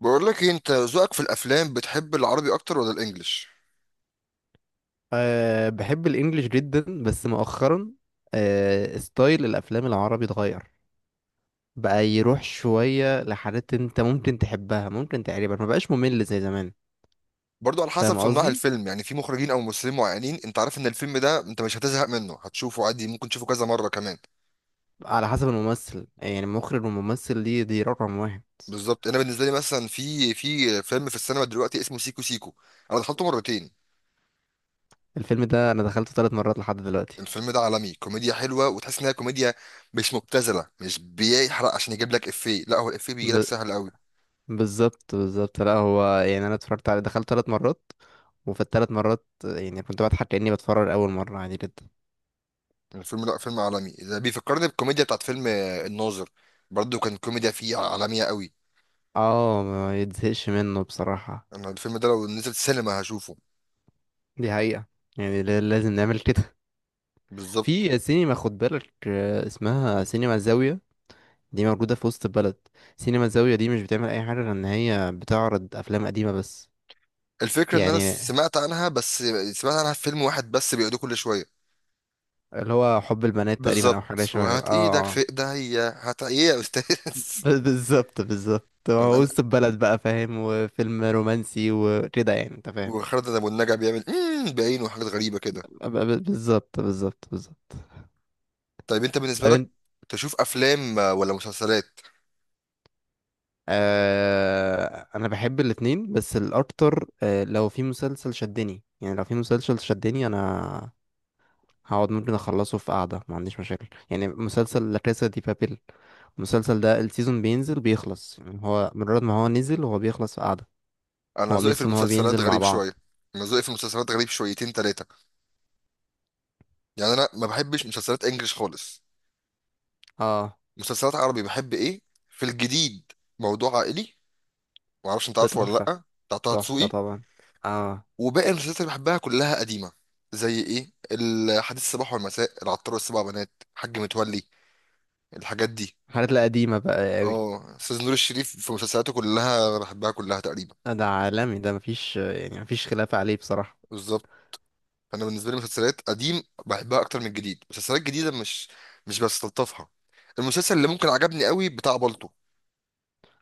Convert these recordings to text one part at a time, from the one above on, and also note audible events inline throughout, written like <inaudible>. بقول لك ايه، انت ذوقك في الافلام بتحب العربي اكتر ولا الانجليش؟ أه بحب الانجليش جدا بس مؤخرا. ستايل الافلام العربي اتغير، بقى يروح شوية لحاجات انت ممكن تحبها، ممكن تقريبا ما بقاش ممل زي زمان. برضو على حسب فاهم صناع قصدي. الفيلم، يعني في مخرجين او ممثلين معينين انت عارف ان الفيلم ده انت مش هتزهق منه، هتشوفه عادي، ممكن تشوفه كذا مره كمان. على حسب الممثل، يعني المخرج والممثل دي رقم واحد. بالظبط، انا بالنسبه لي مثلا في فيلم في السينما دلوقتي اسمه سيكو سيكو. انا دخلته مرتين. الفيلم ده انا دخلته ثلاث مرات لحد دلوقتي. الفيلم ده عالمي، كوميديا حلوه وتحس انها كوميديا مش مبتذله، مش بيحرق عشان يجيب لك افيه، لا هو الافيه بيجي لك ب... سهل قوي. بالظبط بالظبط، لا هو يعني انا اتفرجت عليه، دخلت ثلاث مرات، وفي الثلاث مرات يعني كنت بضحك كأني بتفرج اول مرة عادي جدا. الفيلم، لا فيلم عالمي ده بيفكرني بالكوميديا بتاعت فيلم الناظر. برضو كان كوميديا فيه عالميه قوي. اه، ما يتزهقش منه بصراحة. انا الفيلم ده لو نزل سينما هشوفه. دي حقيقة. يعني لازم نعمل كده. بالظبط. في سينما، خد بالك، اسمها سينما الزاوية. دي موجودة في وسط البلد. سينما الزاوية دي مش بتعمل أي حاجة غير إن هي بتعرض أفلام قديمة بس. الفكره ان انا يعني سمعت عنها بس. سمعت عنها في فيلم واحد بس بيقعدوا كل شويه. اللي هو حب البنات تقريبا، أو حاجة بالظبط، شبه كده. وهات ايدك اه. في آه. ايديا، هات ايه يا استاذ. <laughs> بالظبط بالظبط، <laughs> هو وانا وسط البلد بقى، فاهم، وفيلم رومانسي وكده، يعني انت فاهم. وخالد ابو النجا بيعمل بعينه وحاجات غريبه كده. بالظبط بالظبط بالظبط. طيب انت بالنسبه لك طب تشوف افلام ولا مسلسلات؟ انا بحب الاتنين، بس الاكتر لو في مسلسل شدني، يعني لو في مسلسل شدني انا هقعد ممكن اخلصه في قعده، ما عنديش مشاكل، يعني مسلسل لا كاسا دي بابيل. المسلسل ده السيزون بينزل بيخلص، يعني هو مجرد ما هو نزل هو بيخلص في قعده. انا هو ذوقي في ميزته ان هو المسلسلات بينزل مع غريب شويه. بعض. انا ذوقي في المسلسلات غريب شويتين ثلاثه. يعني انا ما بحبش مسلسلات انجليش خالص. اه. مسلسلات عربي بحب ايه؟ في الجديد، موضوع عائلي، معرفش انت ده عارفه ولا تحفه. لأ، بتاع طه تحفه دسوقي. طبعا. اه. وباقي المسلسلات اللي بحبها كلها قديمة، زي ايه، الحديث الصباح والمساء، العطار والسبع بنات، حاج متولي، الحاجات دي. الحاجات القديمه بقى قوي. اه، استاذ نور الشريف في مسلسلاته كلها بحبها كلها تقريبا. ده عالمي، ده مفيش، يعني مفيش خلاف عليه بصراحه. بالظبط. فانا بالنسبه لي مسلسلات قديم بحبها اكتر من الجديد، مسلسلات جديده مش بستلطفها. المسلسل اللي ممكن عجبني قوي بتاع بالطو.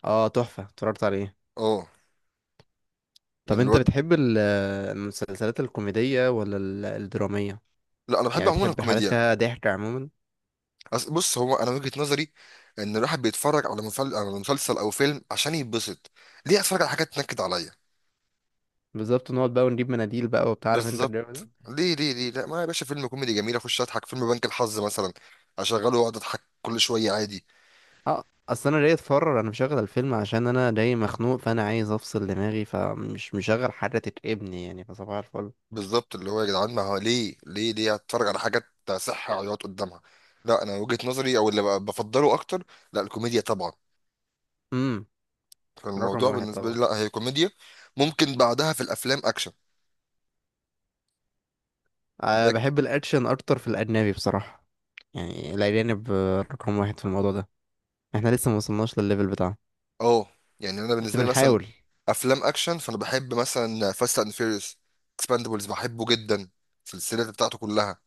اه، تحفه، اتفرجت عليه. اه، طب انت الواد. بتحب المسلسلات الكوميدية ولا الدرامية؟ لا انا بحب يعني عموما بتحب حاجات الكوميديا. فيها ضحك عموما. بص هو انا وجهة نظري ان الواحد بيتفرج على على مسلسل او فيلم عشان يتبسط، ليه اتفرج على حاجات تنكد عليا؟ بالظبط، نقعد بقى ونجيب مناديل بقى وبتاع، عارف انت بالظبط، الجو ده. ليه ليه ليه، لا ما يا باشا، فيلم كوميدي جميل اخش اضحك، فيلم بنك الحظ مثلا، اشغله واقعد اضحك كل شويه عادي. اه، اصل انا جاي اتفرج، انا مشغل الفيلم عشان انا جاي مخنوق، فانا عايز افصل دماغي، فمش مشغل حاجة تتعبني يعني، فصباح الفل. بالظبط، اللي هو يا جدعان ما هو ليه ليه ليه اتفرج على حاجات صحة عياط قدامها؟ لا انا وجهة نظري او اللي بفضله اكتر، لا الكوميديا طبعا. امم. رقم فالموضوع واحد بالنسبه طبعا. لي، لا هي كوميديا. ممكن بعدها في الافلام اكشن. أه لك- بحب الاكشن اكتر في الاجنبي بصراحة. يعني الاجانب رقم واحد في الموضوع ده. احنا لسه ما وصلناش للليفل بتاعه، اه، يعني انا بس بالنسبه لي مثلا بنحاول. افلام اكشن، فانا بحب مثلا فاست اند فيريوس. اكسباندبلز بحبه جدا، السلسله بتاعته كلها.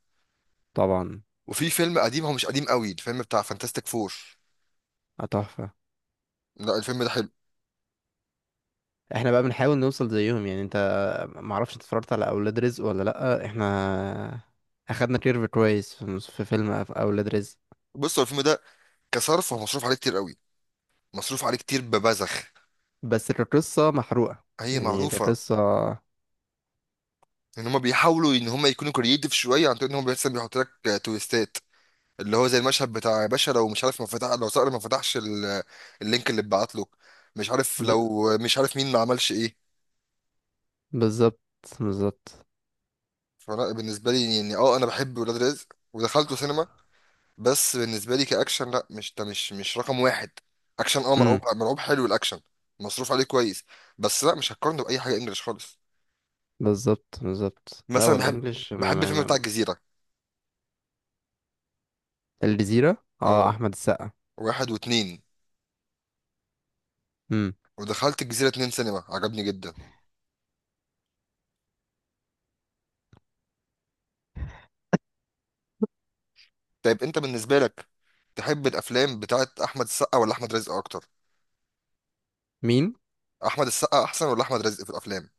طبعا. وفي فيلم قديم، هو مش قديم قوي، الفيلم بتاع فانتاستيك فور. آه، تحفة. لا الفيلم ده حلو. احنا بقى بنحاول نوصل زيهم، يعني انت، معرفش انت اتفرجت على اولاد رزق ولا لأ. احنا اخدنا كيرف كويس في اولاد رزق. بص هو الفيلم ده كصرف هو مصروف عليه كتير قوي، مصروف عليه كتير ببذخ. بس القصة محروقة، هي يعني معروفه، القصة. ان هما بيحاولوا ان هما يكونوا كرييتيف شويه عن طريق ان هما بس بيحط لك تويستات، اللي هو زي المشهد بتاع يا باشا لو مش عارف ما فتح، لو صقر ما فتحش اللينك اللي اتبعت له، مش عارف، ب... لو مش عارف مين ما عملش ايه. بالظبط بالظبط. فلا بالنسبه لي يعني اه انا بحب ولاد رزق ودخلته سينما، بس بالنسبه لي كاكشن لا مش ده، مش مش رقم واحد. اكشن اه، امم. مرعوب مرعوب، حلو الاكشن، مصروف عليه كويس، بس لا مش هقارنه باي حاجه انجلش خالص. بالظبط بالظبط، لا مثلا هو بحب الانجليش ما بحب ما الفيلم بتاع ما الجزيره، الجزيرة، اه، اه، احمد السقا. واحد واتنين. امم. ودخلت الجزيره اتنين سينما، عجبني جدا. طيب انت بالنسبه لك تحب الافلام بتاعت احمد السقا ولا احمد رزق اكتر؟ مين؟ احمد السقا احسن ولا احمد رزق في الافلام؟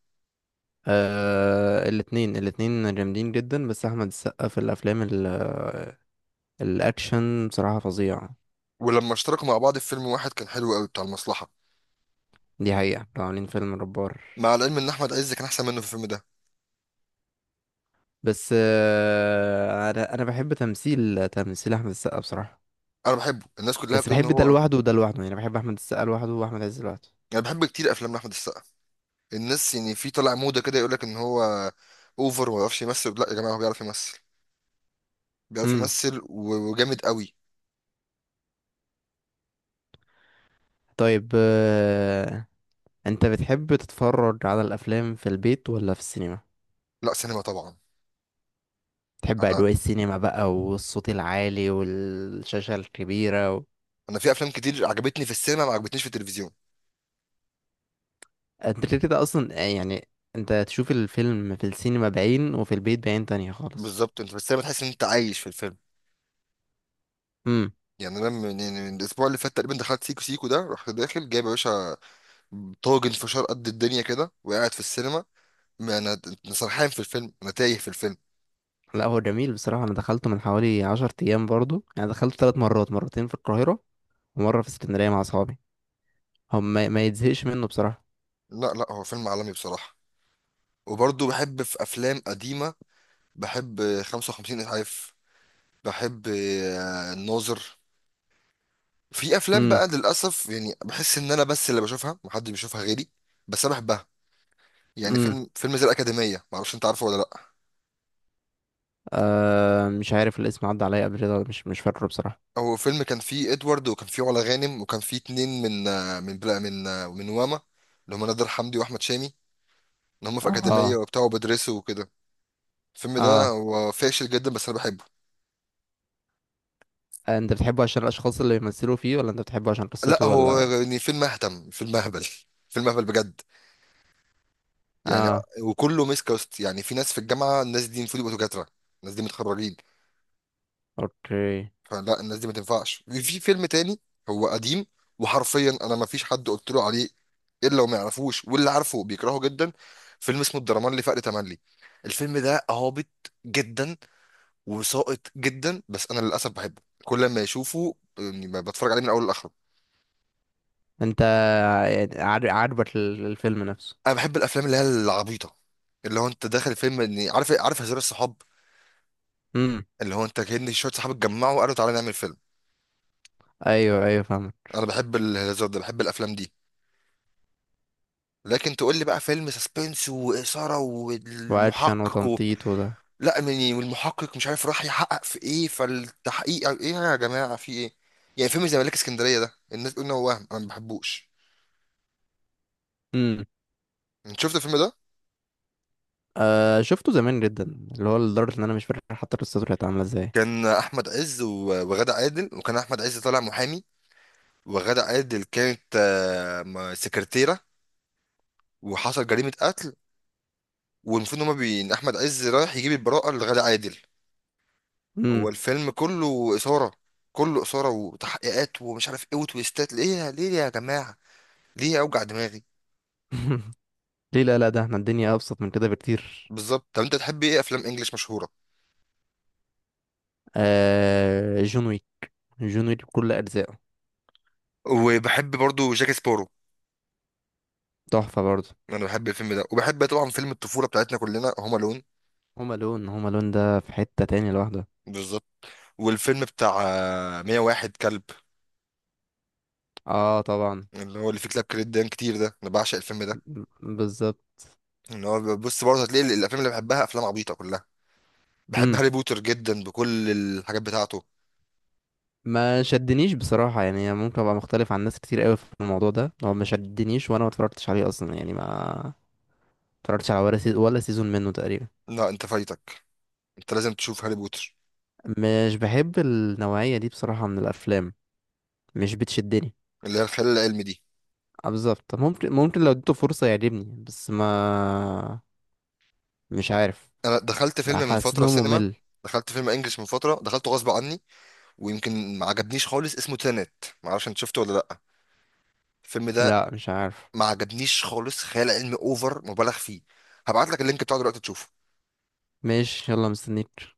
آه، الاتنين الاتنين جامدين جدا، بس احمد السقا في الافلام الاكشن بصراحة فظيع. ولما اشتركوا مع بعض في فيلم واحد كان حلو قوي، بتاع المصلحه، دي حقيقة، كانوا عاملين فيلم جبار. مع العلم ان احمد عز كان احسن منه في الفيلم ده. بس انا بحب تمثيل احمد السقا بصراحه. انا بحبه، الناس كلها بس بتقول ان بحب ده هو، لوحده وده لوحده، يعني بحب احمد السقا لوحده واحمد عز لوحده. انا بحب كتير افلام احمد السقا. الناس يعني في طالع موضه كده يقول لك ان هو اوفر وما بيعرفش يمثل، لا يا جماعه هو بيعرف يمثل، بيعرف امم. يمثل و- وجامد قوي. طيب انت بتحب تتفرج على الافلام في البيت ولا في السينما؟ لا سينما طبعا. تحب انا اجواء السينما بقى والصوت العالي والشاشه الكبيره و... انا في افلام كتير عجبتني في السينما ما عجبتنيش في التلفزيون. انت كده كده اصلا، يعني انت تشوف الفيلم في السينما بعين وفي البيت بعين تانية خالص. بالظبط، انت في السينما تحس ان انت عايش في الفيلم. امم. يعني انا يعني من الاسبوع اللي فات تقريبا دخلت سيكو سيكو ده، رحت داخل جايب يا باشا طاجن فشار قد الدنيا كده وقاعد في السينما، ما انا أنا سرحان في الفيلم، انا تايه في الفيلم. لا هو جميل بصراحة، أنا دخلته من حوالي 10 أيام برضو، يعني دخلته ثلاث مرات، مرتين في القاهرة ومره في اسكندريه مع اصحابي. هم ما يتزهقش منه بصراحه. لا لا، هو فيلم عالمي بصراحه. وبرضه بحب في افلام قديمه، بحب 55 اسعاف، بحب الناظر. في افلام امم. بقى للاسف يعني بحس ان انا بس اللي بشوفها محدش بيشوفها غيري، بس انا بحبها. يعني امم. فيلم زي الاكاديميه، معرفش انت عارفه ولا لا. آه مش عارف الاسم، عدى عليا قبل كده ولا مش فاكره بصراحه. هو فيلم كان فيه ادوارد، وكان فيه علا غانم، وكان فيه اتنين من بلا من واما، اللي هم نادر حمدي واحمد شامي، ان هم في اكاديميه اه. وبتاع وبيدرسوا وكده. الفيلم ده اه. هو فاشل جدا، بس انا بحبه. آه، انت بتحبه عشان الاشخاص اللي بيمثلوا فيه، ولا انت بتحبه عشان لا قصته، هو ولا؟ يعني فيلم اهبل، فيلم اهبل بجد، يعني، اه. وكله ميس كاست. يعني في ناس في الجامعه، الناس دي المفروض يبقوا دكاتره، الناس دي متخرجين، اوكي. فلا الناس دي ما تنفعش في في فيلم تاني. هو قديم، وحرفيا انا ما فيش حد قلت له عليه الا وما يعرفوش، واللي عارفه بيكرهه جدا. فيلم اسمه الدرمان لفقر تملي، الفيلم ده هابط جدا وساقط جدا، بس انا للاسف بحبه، كل ما اشوفه يعني بتفرج عليه من اول لاخره. انت يعني عاجبك الفيلم نفسه. انا بحب الافلام اللي هي العبيطه، اللي هو انت داخل فيلم اني عارف هزار الصحاب، امم. اللي هو انت كأن شويه صحاب اتجمعوا وقالوا تعالى نعمل فيلم. ايوه ايوه، فاهمك. انا بحب الهزار ده، بحب الافلام دي. لكن تقول لي بقى فيلم سسبنس واثاره واكشن والمحقق وتنطيط وده. لا يعني، والمحقق مش عارف راح يحقق في ايه، فالتحقيق أو ايه يا جماعه في ايه؟ يعني فيلم زي ملاك اسكندريه ده الناس تقول ان هو وهم، انا ما بحبوش. امم. انت شفت الفيلم ده؟ آه شفته زمان جدا، اللي هو لدرجه ان انا مش فاكر حتى قصته كانت عامله ازاي. كان احمد عز و- وغادة عادل، وكان احمد عز طالع محامي، وغادة عادل كانت سكرتيره، وحصل جريمه قتل، والمفروض ان هما إن احمد عز رايح يجيب البراءه لغادة عادل. هو امم. الفيلم كله إثارة، كله إثارة وتحقيقات ومش عارف إيه وتويستات، ليه ليه يا جماعة، ليه أوجع دماغي؟ <laughs> ليه، لا لا، ده احنا الدنيا ابسط من كده بكتير. بالظبط، طب أنت تحب إيه أفلام إنجليش مشهورة؟ آه، جون ويك. جون ويك بكل أجزائه. وبحب برضو جاك سبارو، تحفة برضه. أنا بحب الفيلم ده. وبحب طبعا فيلم الطفولة بتاعتنا كلنا، هوم ألون. هوم ألون، هوم ألون ده في حتة تاني لوحده. بالظبط. والفيلم بتاع 101 كلب، اه طبعا. اللي هو اللي فيه كلاب كريدان كتير ده، أنا بعشق الفيلم ده. بالظبط. إن هو، بص برضه هتلاقي الأفلام اللي بحبها أفلام عبيطة كلها، بحب امم. هاري بوتر جدا بكل الحاجات بتاعته. ما شدنيش بصراحة، يعني ممكن ابقى مختلف عن ناس كتير قوي في الموضوع ده، هو ما شدنيش وانا ما اتفرجتش عليه اصلا، يعني ما اتفرجتش على ولا سيزون، ولا سيزون منه تقريبا. لا أنت فايتك، أنت لازم تشوف هاري بوتر، مش بحب النوعية دي بصراحة من الافلام، مش بتشدني. اللي هي الخيال العلمي دي. آه، بالظبط، ممكن، ممكن لو اديته فرصة يعجبني، بس ما مش عارف. انا دخلت فيلم من حسيت ان فتره هو سينما، ممل. دخلت فيلم انجلش من فتره دخلته غصب عني، ويمكن ما عجبنيش خالص، اسمه تينت، ما اعرفش انت شفته ولا لا الفيلم ده. لا مش عارف. ما عجبنيش خالص، خيال علمي اوفر مبالغ فيه، هبعت لك اللينك بتاعه دلوقتي تشوفه. ماشي، يلا مستنيك.